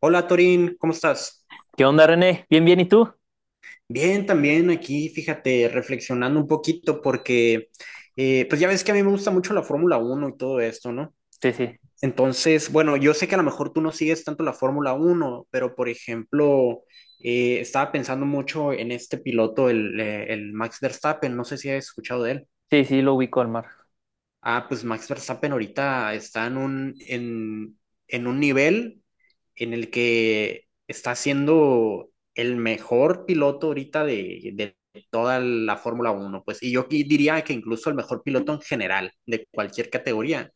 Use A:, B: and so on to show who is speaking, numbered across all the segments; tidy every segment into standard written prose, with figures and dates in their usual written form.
A: Hola Torín, ¿cómo estás?
B: ¿Qué onda, René? ¿Bien, bien? ¿Y tú?
A: Bien, también aquí, fíjate, reflexionando un poquito porque, pues ya ves que a mí me gusta mucho la Fórmula Uno y todo esto, ¿no?
B: Sí, sí,
A: Entonces, bueno, yo sé que a lo mejor tú no sigues tanto la Fórmula Uno, pero por ejemplo, estaba pensando mucho en este piloto, el Max Verstappen, no sé si has escuchado de él.
B: sí, sí, lo ubico al mar.
A: Ah, pues Max Verstappen ahorita está en un nivel en el que está siendo el mejor piloto ahorita de toda la Fórmula Uno, pues, y yo diría que incluso el mejor piloto en general de cualquier categoría.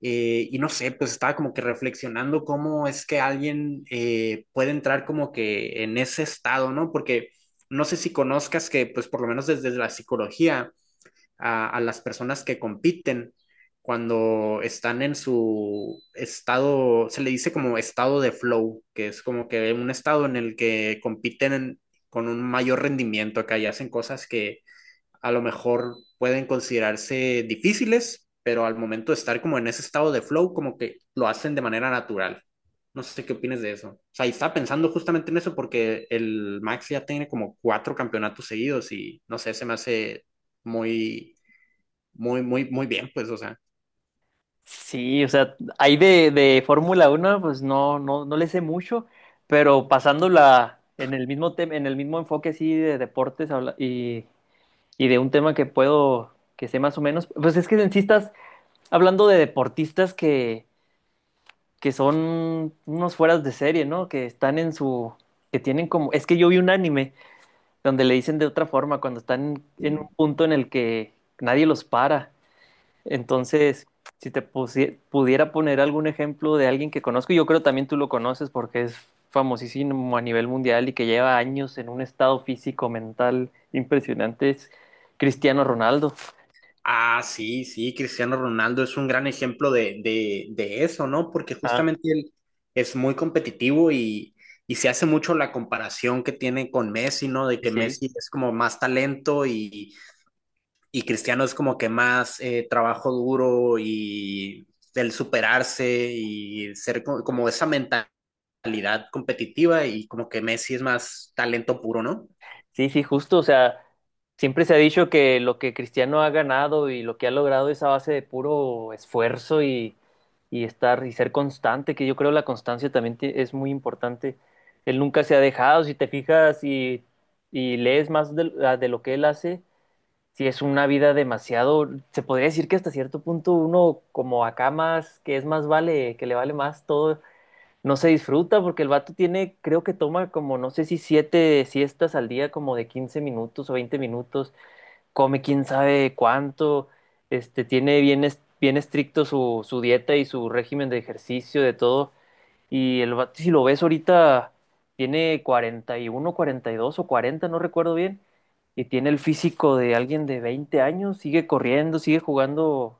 A: Y no sé, pues estaba como que reflexionando cómo es que alguien puede entrar como que en ese estado, ¿no? Porque no sé si conozcas que, pues, por lo menos desde la psicología a las personas que compiten cuando están en su estado, se le dice como estado de flow, que es como que un estado en el que con un mayor rendimiento acá y hacen cosas que a lo mejor pueden considerarse difíciles, pero al momento de estar como en ese estado de flow, como que lo hacen de manera natural. No sé qué opinas de eso. O sea, y estaba pensando justamente en eso porque el Max ya tiene como cuatro campeonatos seguidos y no sé, se me hace muy muy, muy, muy bien, pues, o sea.
B: Sí, o sea, ahí de Fórmula Uno, pues no le sé mucho, pero pasándola en el mismo tema, en el mismo enfoque así de deportes y de un tema que puedo, que sé más o menos, pues es que en sí estás hablando de deportistas que son unos fueras de serie, ¿no? Que están en su, que tienen como, es que yo vi un anime donde le dicen de otra forma, cuando están en un punto en el que nadie los para. Entonces, si pudiera poner algún ejemplo de alguien que conozco, yo creo también tú lo conoces porque es famosísimo a nivel mundial y que lleva años en un estado físico, mental impresionante, es Cristiano Ronaldo.
A: Ah, sí, sí, Cristiano Ronaldo es un gran ejemplo de eso, ¿no? Porque
B: Ah,
A: justamente él es muy competitivo y se hace mucho la comparación que tiene con Messi, ¿no? De
B: sí,
A: que
B: sí.
A: Messi es como más talento y Cristiano es como que más trabajo duro y el superarse y ser como esa mentalidad competitiva y como que Messi es más talento puro, ¿no?
B: Sí, sí, justo, o sea, siempre se ha dicho que lo que Cristiano ha ganado y lo que ha logrado es a base de puro esfuerzo y estar y ser constante, que yo creo la constancia también es muy importante. Él nunca se ha dejado, si te fijas y lees más de, de lo que él hace, si es una vida demasiado, se podría decir que hasta cierto punto uno como acá más, que es más vale, que le vale más todo no se disfruta porque el vato tiene, creo que toma como, no sé si 7 siestas al día, como de 15 minutos o 20 minutos, come quién sabe cuánto, este, tiene bien, bien estricto su, su dieta y su régimen de ejercicio, de todo. Y el vato, si lo ves ahorita, tiene 40 40 y uno 40 y dos o 40 no recuerdo bien, y tiene el físico de alguien de 20 años, sigue corriendo, sigue jugando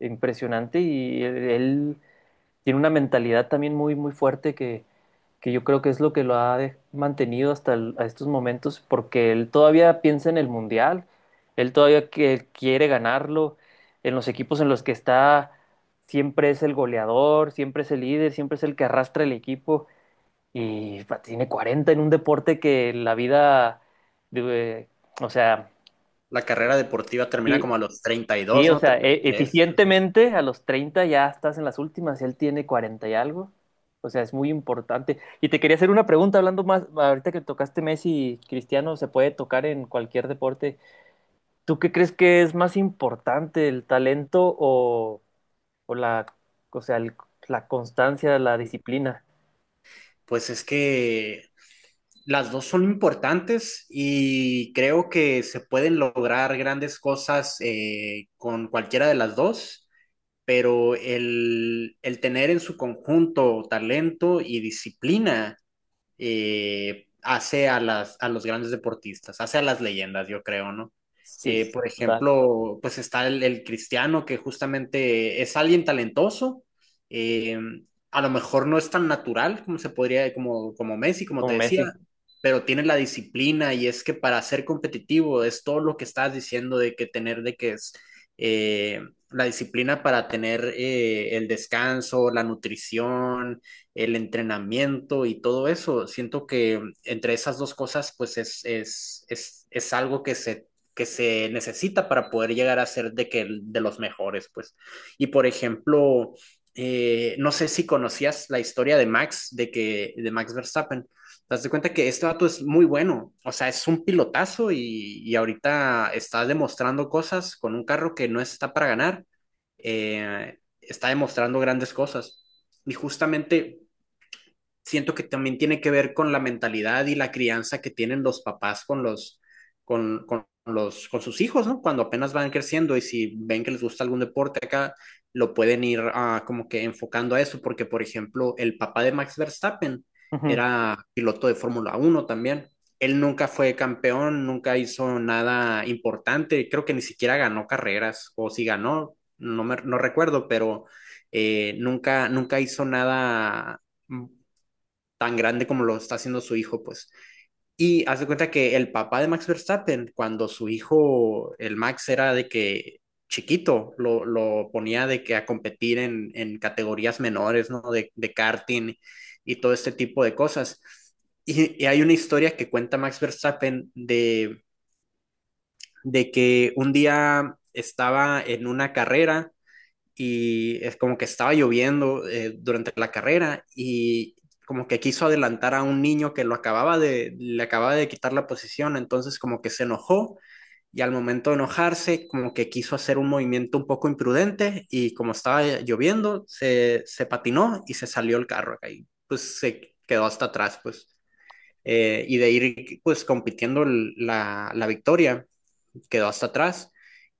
B: impresionante y él tiene una mentalidad también muy, muy fuerte que yo creo que es lo que lo mantenido hasta a estos momentos, porque él todavía piensa en el mundial, él todavía que quiere ganarlo, en los equipos en los que está siempre es el goleador, siempre es el líder, siempre es el que arrastra el equipo y pa, tiene 40 en un deporte que la vida, de- o sea,
A: La carrera deportiva termina
B: y
A: como a los treinta y
B: sí,
A: dos,
B: o
A: ¿no?
B: sea,
A: 33.
B: eficientemente a los 30 ya estás en las últimas, él tiene 40 y algo. O sea, es muy importante. Y te quería hacer una pregunta, hablando más, ahorita que tocaste Messi, Cristiano, se puede tocar en cualquier deporte. ¿Tú qué crees que es más importante, el talento o la, o sea, la constancia, la disciplina?
A: Pues es que las dos son importantes y creo que se pueden lograr grandes cosas con cualquiera de las dos, pero el tener en su conjunto talento y disciplina hace a a los grandes deportistas, hace a las leyendas, yo creo, ¿no?
B: Sí,
A: Por
B: total,
A: ejemplo, pues está cristiano que justamente es alguien talentoso, eh, a lo mejor no es tan natural como se podría, como Messi, como
B: como
A: te decía,
B: Messi.
A: pero tiene la disciplina y es que para ser competitivo es todo lo que estás diciendo de que tener, de que es eh, la disciplina para tener el descanso, la nutrición, el entrenamiento y todo eso. Siento que entre esas dos cosas, pues es algo que se necesita para poder llegar a ser de, que, de los mejores, pues. Y por ejemplo, no sé si conocías la historia de Max, de Max Verstappen. Te das cuenta que este dato es muy bueno, o sea, es un pilotazo y ahorita está demostrando cosas con un carro que no está para ganar, está demostrando grandes cosas. Y justamente siento que también tiene que ver con la mentalidad y la crianza que tienen los papás con con sus hijos, ¿no? Cuando apenas van creciendo y si ven que les gusta algún deporte acá, lo pueden ir como que enfocando a eso, porque por ejemplo, el papá de Max Verstappen
B: Ujú.
A: era piloto de Fórmula Uno también. Él nunca fue campeón, nunca hizo nada importante, creo que ni siquiera ganó carreras, o si ganó, no recuerdo, pero nunca hizo nada tan grande como lo está haciendo su hijo, pues. Y haz de cuenta que el papá de Max Verstappen, cuando su hijo, el Max, era de que chiquito, lo ponía de que a competir en categorías menores, ¿no? De karting y todo este tipo de cosas. Y hay una historia que cuenta Max Verstappen de que un día estaba en una carrera y es como que estaba lloviendo durante la carrera y como que quiso adelantar a un niño que lo le acababa de quitar la posición, entonces como que se enojó y al momento de enojarse como que quiso hacer un movimiento un poco imprudente y como estaba lloviendo se patinó y se salió el carro acá y pues se quedó hasta atrás pues y de ir pues compitiendo la victoria quedó hasta atrás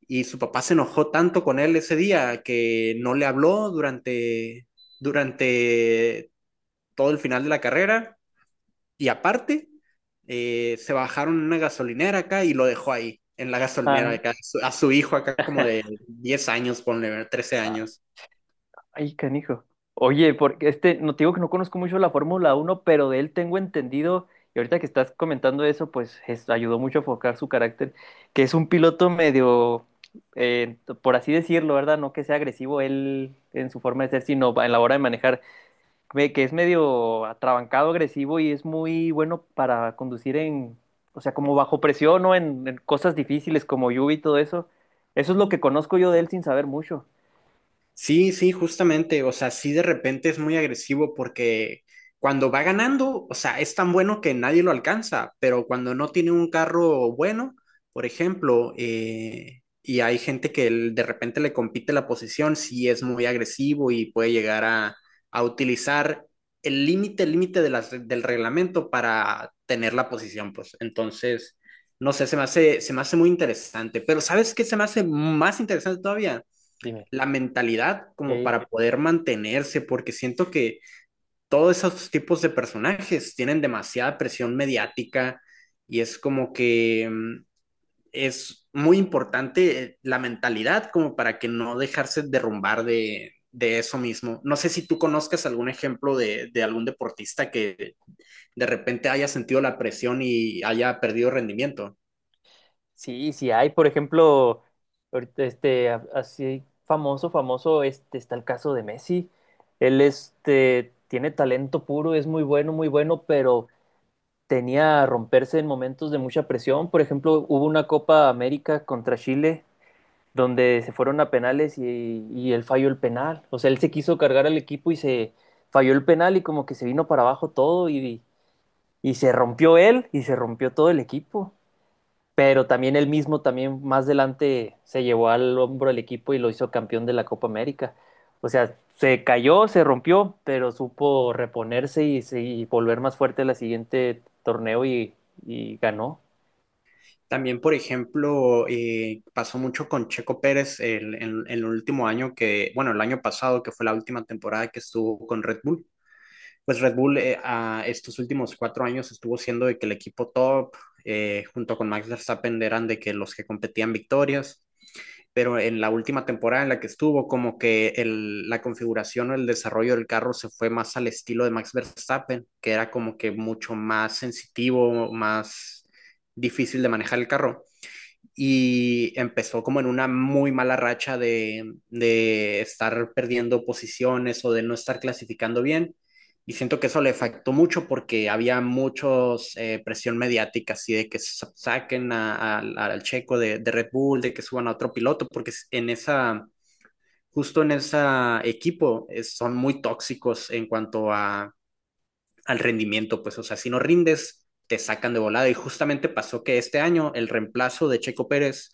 A: y su papá se enojó tanto con él ese día que no le habló durante todo el final de la carrera y aparte se bajaron en una gasolinera acá y lo dejó ahí, en la gasolinera acá, a su hijo acá como de 10 años, ponle, 13
B: Ajá.
A: años.
B: Ay, canijo. Oye, porque este, no te digo que no conozco mucho la Fórmula Uno, pero de él tengo entendido, y ahorita que estás comentando eso, pues ayudó mucho a focar su carácter, que es un piloto medio, eh, por así decirlo, ¿verdad? No que sea agresivo él en su forma de ser, sino en la hora de manejar, que es medio atrabancado, agresivo y es muy bueno para conducir en, o sea, como bajo presión o en cosas difíciles como lluvia y todo eso. Eso es lo que conozco yo de él sin saber mucho.
A: Sí, sí, justamente, o sea, sí de repente es muy agresivo porque cuando va ganando, o sea, es tan bueno que nadie lo alcanza, pero cuando no tiene un carro bueno, por ejemplo, y hay gente que de repente le compite la posición, sí es muy agresivo y puede llegar a utilizar el límite, del reglamento para tener la posición, pues entonces, no sé, se me hace muy interesante, pero ¿sabes qué se me hace más interesante todavía?
B: Dime.
A: La mentalidad como para poder mantenerse, porque siento que todos esos tipos de personajes tienen demasiada presión mediática y es como que es muy importante la mentalidad como para que no dejarse derrumbar de eso mismo. No sé si tú conozcas algún ejemplo de algún deportista que de repente haya sentido la presión y haya perdido rendimiento.
B: Sí, sí hay, por ejemplo, ahorita, este, así famoso, famoso, este, está el caso de Messi. Él, este, tiene talento puro, es muy bueno, muy bueno, pero tenía a romperse en momentos de mucha presión. Por ejemplo, hubo una Copa América contra Chile, donde se fueron a penales y él falló el penal. O sea, él se quiso cargar al equipo y se falló el penal y como que se vino para abajo todo y se rompió él y se rompió todo el equipo pero también él mismo, también más adelante, se llevó al hombro el equipo y lo hizo campeón de la Copa América. O sea, se cayó, se rompió, pero supo reponerse y, y volver más fuerte la siguiente torneo y ganó.
A: También, por ejemplo, pasó mucho con Checo Pérez en el último año que, bueno, el año pasado, que fue la última temporada que estuvo con Red Bull. Pues Red Bull a estos últimos cuatro años estuvo siendo de que el equipo top, junto con Max Verstappen, eran de que los que competían victorias, pero en la última temporada en la que estuvo, como que el, la configuración o el desarrollo del carro se fue más al estilo de Max Verstappen, que era como que mucho más sensitivo, más difícil de manejar el carro y empezó como en una muy mala racha de estar perdiendo posiciones o de no estar clasificando bien. Y siento que eso le afectó mucho porque había muchos presión mediática, así de que saquen al checo de Red Bull, de que suban a otro piloto, porque en justo en ese equipo son muy tóxicos en cuanto a, al rendimiento, pues, o sea, si no rindes, te sacan de volada. Y justamente pasó que este año el reemplazo de Checo Pérez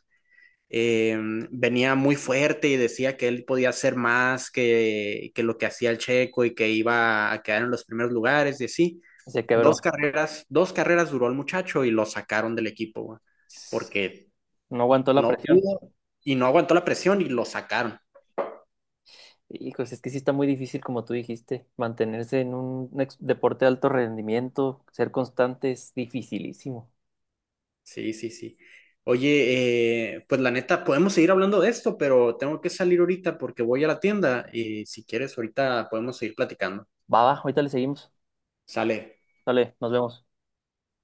A: eh, venía muy fuerte y decía que él podía hacer más que lo que hacía el Checo y que iba a quedar en los primeros lugares y así.
B: Se quebró.
A: Dos carreras duró el muchacho y lo sacaron del equipo, güey, porque
B: No aguantó la
A: no
B: presión.
A: pudo y no aguantó la presión y lo sacaron.
B: Y pues es que sí está muy difícil, como tú dijiste, mantenerse en un deporte de alto rendimiento, ser constante es dificilísimo.
A: Sí, sí, sí. Oye, pues la neta, podemos seguir hablando de esto, pero tengo que salir ahorita porque voy a la tienda y si quieres, ahorita podemos seguir platicando.
B: Va, va, ahorita le seguimos.
A: Sale.
B: Dale, nos vemos.